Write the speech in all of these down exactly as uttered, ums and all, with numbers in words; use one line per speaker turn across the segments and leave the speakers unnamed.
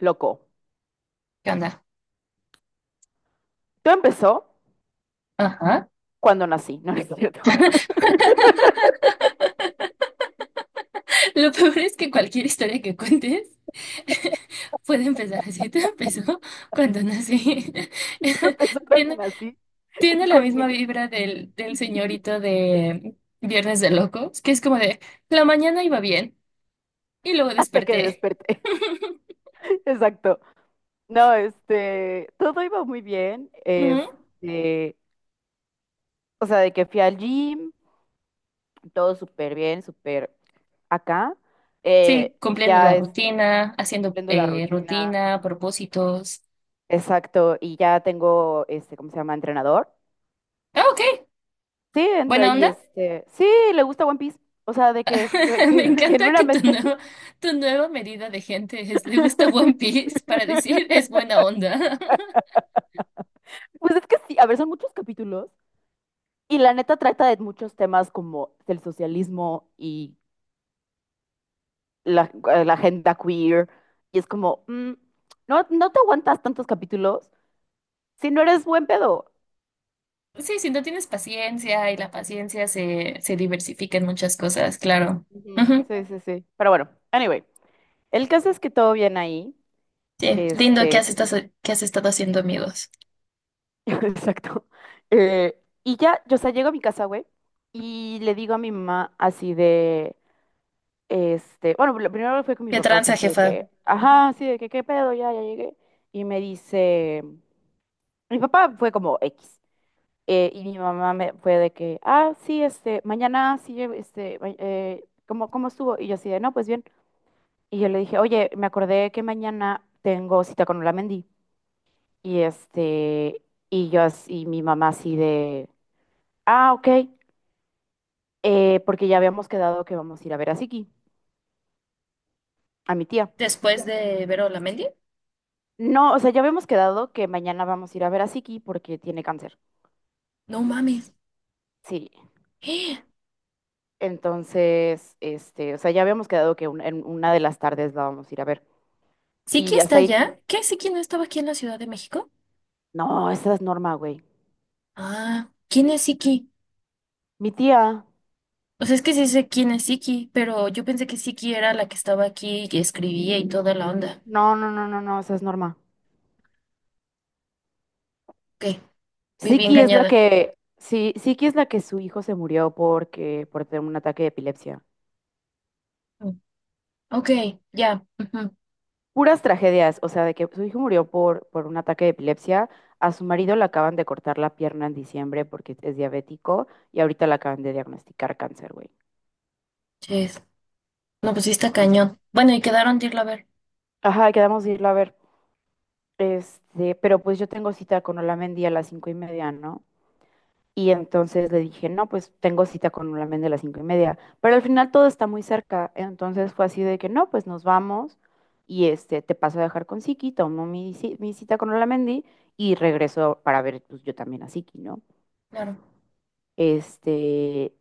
Loco,
¿Qué onda?
todo empezó
Ajá.
cuando nací, no, no es cierto.
Lo peor es que cualquier historia que cuentes puede empezar así. Todo empezó cuando nací.
Todo empezó cuando
Tiene,
nací,
tiene la
con mi-
misma vibra del, del señorito de Viernes de Locos, que es como de la mañana iba bien y luego
hasta que
desperté.
desperté. Exacto. No, este, todo iba muy bien.
Ujú.
Este, o sea, de que fui al gym, todo súper bien, súper acá. Eh,
Sí, cumpliendo la
ya es
rutina, haciendo
cumpliendo la
eh,
rutina.
rutina, propósitos.
Exacto. Y ya tengo, este, ¿cómo se llama? Entrenador.
Ah, ok.
Sí,
Buena
entonces y
onda.
este, sí, le gusta One Piece. O sea, de que jue-
Me
se-
encanta que tu
genuinamente.
nueva, tu nueva medida de gente es le gusta One Piece para decir es buena onda.
Pues es que sí, a ver, son muchos capítulos y la neta trata de muchos temas como del socialismo y la, eh, la agenda queer y es como, mm, no, no te aguantas tantos capítulos si no eres buen pedo.
Sí, si no tienes paciencia y la paciencia se, se diversifica en muchas cosas, claro.
Ujú.
Ujú.
Sí, sí, sí. Pero bueno, anyway, el caso es que todo bien ahí.
Sí, lindo que has
Este,
estado, que has estado haciendo amigos.
exacto. Eh, y ya, yo, o sea, llego a mi casa, güey, y le digo a mi mamá así de... Este, bueno, lo primero fue con mi
¿Qué
papá, fue
tranza,
así de
jefa?
que,
Ujú.
ajá, así de que, ¿qué pedo? Ya, ya llegué. Y me dice, mi papá fue como X. Eh, y mi mamá me fue de que, ah, sí, este, mañana sí, eh, este, ma- eh, ¿cómo, cómo estuvo? Y yo así de, no, pues bien. Y yo le dije, oye, me acordé que mañana tengo cita con Olamendi. Y este, y yo así, y mi mamá así de, ah, ok, eh, porque ya habíamos quedado que vamos a ir a ver a Siki, a mi tía.
Después de ver a Olamendi.
No, o sea, ya habíamos quedado que mañana vamos a ir a ver a Siki porque tiene cáncer.
¡No mames!
Sí.
¡Eh!
Entonces, este, o sea, ya habíamos quedado que un- en una de las tardes la vamos a ir a ver.
¿Siki
Y
está
hasta ahí.
allá? ¿Qué? ¿Siki no estaba aquí en la Ciudad de México?
No, esa es Norma, güey.
Ah, ¿quién es Siki?
Mi tía.
O sea, es que sí sé quién es Siki, pero yo pensé que Siki era la que estaba aquí y escribía y toda la onda.
No, no, no, no, no, esa es Norma.
Ok, viví
Siki es la
engañada.
que... Sí, Siki es la que su hijo se murió porque, por tener un ataque de epilepsia.
Mm, ok, ya. Ujú.
Puras tragedias, o sea, de que su hijo murió por, por un ataque de epilepsia, a su marido le acaban de cortar la pierna en diciembre porque es diabético y ahorita le acaban de diagnosticar cáncer, güey.
Ches. No, pues sí
Es
está
como,
cañón. Bueno, ¿y quedaron de irla a ver?
ajá, quedamos de irlo a ver. Este, pero pues yo tengo cita con Olamendi a las cinco y media, ¿no? Y entonces le dije, no, pues tengo cita con la men de las cinco y media. Pero al final todo está muy cerca. Entonces fue así de que no, pues nos vamos y este, te paso a dejar con Siki, tomo mi, ci- mi cita con Olamendi y regreso para ver pues, yo también a Siki, ¿no?
Claro.
Este,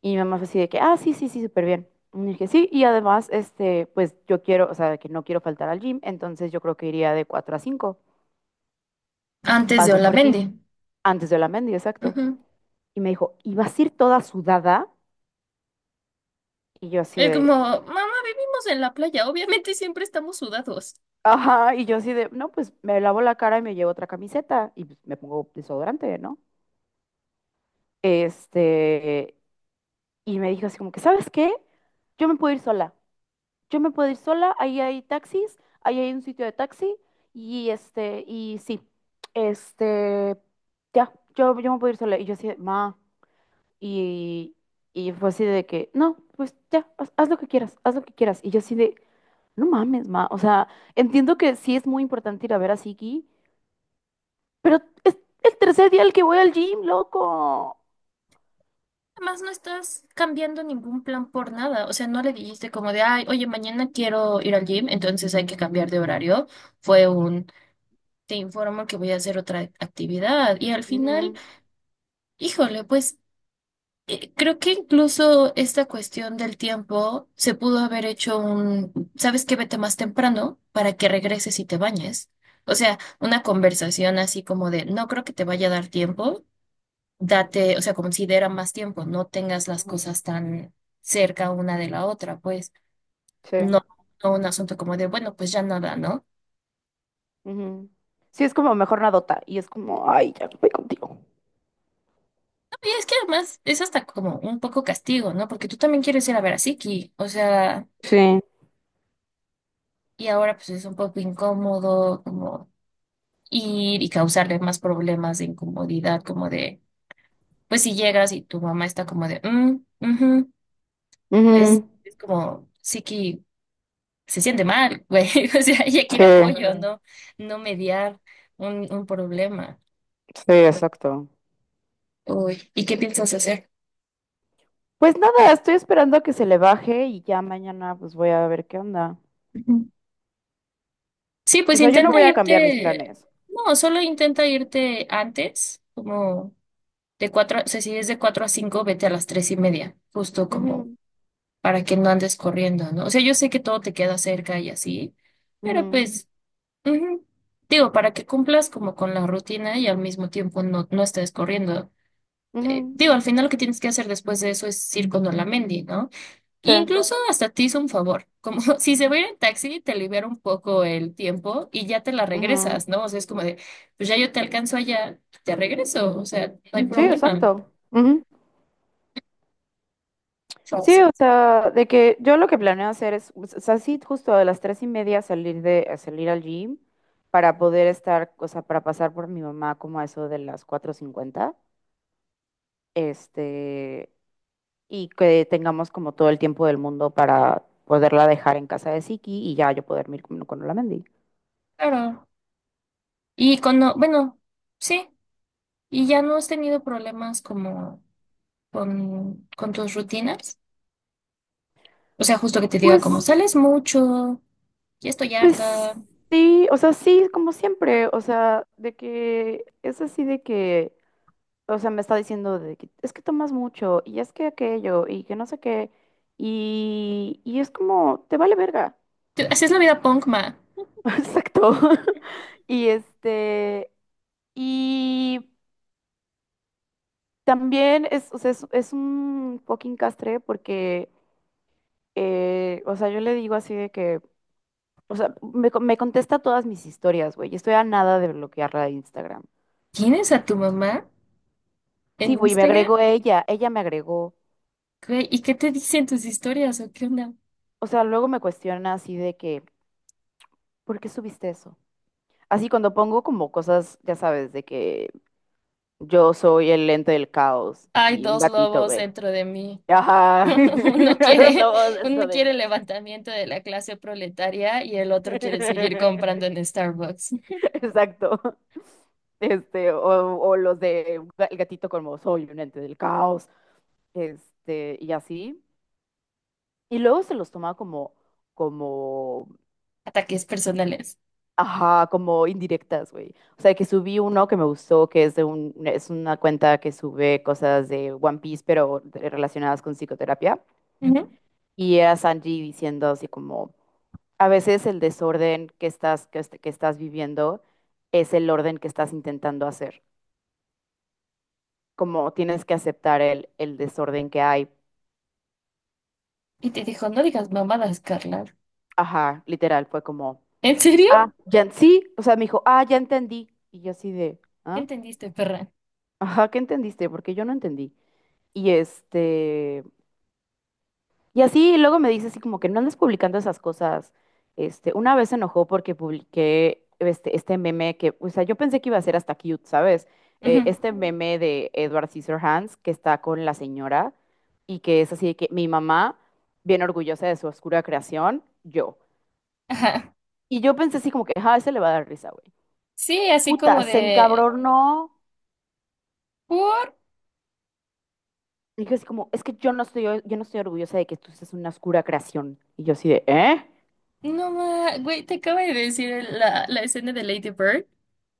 y mi mamá fue así de que, ah, sí, sí, sí, súper bien. Y dije, sí, y además, este, pues yo quiero, o sea, que no quiero faltar al gym, entonces yo creo que iría de cuatro a cinco.
Antes de
Paso por ti
Olamendi.
antes de Olamendi, exacto.
Ujú.
Y me dijo, ¿y vas a ir toda sudada? Y yo así
Es como,
de...
mamá, vivimos en la playa. Obviamente siempre estamos sudados.
ajá, y yo así de, no, pues me lavo la cara y me llevo otra camiseta y pues, me pongo desodorante, ¿no? Este, y me dijo así como que, ¿sabes qué? Yo me puedo ir sola. Yo me puedo ir sola, ahí hay taxis, ahí hay un sitio de taxi y este, y sí, este, ya, yo, yo me puedo ir sola. Y yo así de, ma, y, y fue así de que, no, pues ya, haz, haz lo que quieras, haz lo que quieras. Y yo así de, no mames, ma, o sea, entiendo que sí es muy importante ir a ver a Siki, pero es el tercer día el que voy al gym, loco.
Además, no estás cambiando ningún plan por nada. O sea, no le dijiste como de, ay, oye, mañana quiero ir al gym, entonces hay que cambiar de horario. Fue un... te informo que voy a hacer otra actividad y al final,
Ujú.
híjole, pues eh, creo que incluso esta cuestión del tiempo se pudo haber hecho un, ¿sabes qué? Vete más temprano para que regreses y te bañes. O sea, una conversación así como de, no creo que te vaya a dar tiempo, date, o sea, considera más tiempo, no tengas las
Ujú.
cosas tan cerca una de la otra, pues
Sí.
no, no un asunto como de, bueno, pues ya nada, ¿no?
Ujú. Sí, es como mejor nadota. Y es como, ay, ya no voy contigo.
Es que además es hasta como un poco castigo, ¿no? Porque tú también quieres ir a ver a Siki, o sea,
Sí.
y ahora pues es un poco incómodo como ir y causarle más problemas de incomodidad, como de, pues si llegas y tu mamá está como de, mm, ujú", mm, pues
Ujú.
es como Siki se siente mal, güey, o sea, ella quiere
Sí,
apoyo, mm. ¿No? No mediar un, un problema.
sí, exacto.
Uy, ¿y qué piensas hacer?
Pues nada, estoy esperando a que se le baje y ya mañana pues voy a ver qué onda.
Ujú. Sí,
O
pues
sea, yo no
intenta
voy a cambiar mis
irte,
planes.
no, solo intenta irte antes, como... De cuatro, o sea, si es de cuatro a cinco, vete a las tres y media, justo como
Ujú,
para que no andes corriendo, ¿no? O sea, yo sé que todo te queda cerca y así, pero
ujú,
pues, ujú, digo, para que cumplas como con la rutina y al mismo tiempo no, no estés corriendo. Eh,
ujú.
digo, al final lo que tienes que hacer después de eso es ir con Olamendi, ¿no? E
Sí.
incluso hasta te hizo un favor, como si se va a ir en taxi, te libera un poco el tiempo y ya te la
Ujú.
regresas, ¿no? O sea, es como de, pues ya yo te alcanzo allá, te regreso, o sea, no hay
Sí,
problema.
exacto. Ujú. Sí, o sea, de que yo lo que planeo hacer es, o sea, sí, justo a las tres y media salir de, a salir al gym para poder estar, o sea, para pasar por mi mamá como a eso de las cuatro cincuenta, este, y que tengamos como todo el tiempo del mundo para poderla dejar en casa de Siki y ya yo poder ir con, con Olamendi.
Claro. Y cuando, bueno, sí, y ya no has tenido problemas como con, con tus rutinas. O sea, justo que te diga como
Pues,
sales mucho, ya estoy harta.
pues sí, o sea, sí, como siempre, o sea, de que es así de que... o sea, me está diciendo de que es que tomas mucho y es que aquello y que no sé qué. Y, y es como, te vale verga.
Te- Haces la vida punk, ma.
Exacto. Y este, y también es, o sea, es, es un fucking castre porque, eh, o sea, yo le digo así de que, o sea, me, co- me contesta todas mis historias, güey. Y estoy a nada de bloquearla de Instagram.
¿Tienes a tu mamá
Este, sí,
en
güey, me
Instagram?
agregó ella, ella me agregó.
Güey, ¿y qué te dicen tus historias o qué onda?
O sea, luego me cuestiona así de que, ¿por qué subiste eso? Así cuando pongo como cosas, ya sabes, de que yo soy el lente del caos
Hay
y un
dos
gatito,
lobos
güey.
dentro de mí.
Ajá,
Uno
los
quiere,
lobos dentro
uno
de
quiere
mí.
el levantamiento de la clase proletaria y el otro quiere seguir comprando en Starbucks.
Exacto. Este, o, o los de un ga- el gatito como soy un ente del caos, este, y así. Y luego se los toma como, como...
Ataques personales.
ajá, como indirectas, güey. O sea, que subí uno que me gustó, que es de un, es una cuenta que sube cosas de One Piece, pero de- relacionadas con psicoterapia. Y era Sanji diciendo así como, a veces el desorden que estás, que, est- que estás viviendo es el orden que estás intentando hacer. Como tienes que aceptar el, el desorden que hay.
Y te dijo, no digas mamadas, Carla.
Ajá, literal, fue como,
¿En
ah,
serio?
ya, sí, o sea, me dijo, ah, ya entendí. Y yo así de,
¿Qué
ah,
entendiste, perra?
ajá, ¿qué entendiste? Porque yo no entendí. Y este, y así luego me dice así como que no andes publicando esas cosas. Este, una vez se enojó porque publiqué este, este meme que, o sea, yo pensé que iba a ser hasta cute, ¿sabes?
Ujú.
Eh, este meme de Edward Scissorhands que está con la señora y que es así de que mi mamá, bien orgullosa de su oscura creación, yo.
Ajá.
Y yo pensé así como que, ah, ese le va a dar risa, güey.
Sí, así
Puta,
como
se
de...
encabronó.
¿Por?
Dije así como, es que yo no estoy, yo no estoy orgullosa de que tú seas una oscura creación. Y yo así de, ¿eh?
No, ma... Güey, te acabo de decir el- la, la escena de Lady Bird,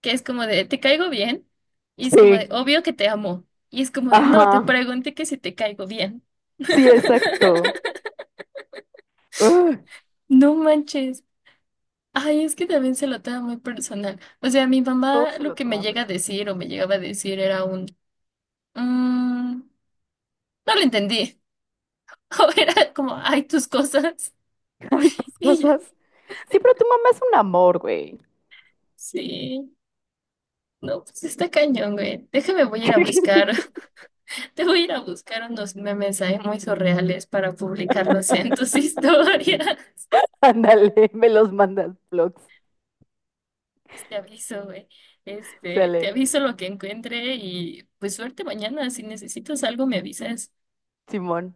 que es como de, te caigo bien. Y es como de,
Sí,
obvio que te amo. Y es como de, no, te
ajá.
pregunté que si te caigo bien.
Sí, exacto. Ugh,
No manches. Ay, es que también se lo toma muy personal. O sea, mi
todo
mamá
se
lo
lo
que me
toma
llega a
personal.
decir o me llegaba a decir era un... "Mm, no lo entendí. O era como, ay, tus cosas.
Ay, tus
Y yo,
cosas. Sí, pero tu mamá es un amor, güey.
sí. No, pues está cañón, güey. Déjame, voy a ir a buscar. Te voy a ir a buscar unos memes ahí muy surreales para publicarlos en tus historias.
Ándale, me los mandas vlogs.
Pues te aviso, güey. Este, te
Sale,
aviso lo que encuentre y pues suerte mañana. Si necesitas algo, me avisas.
simón.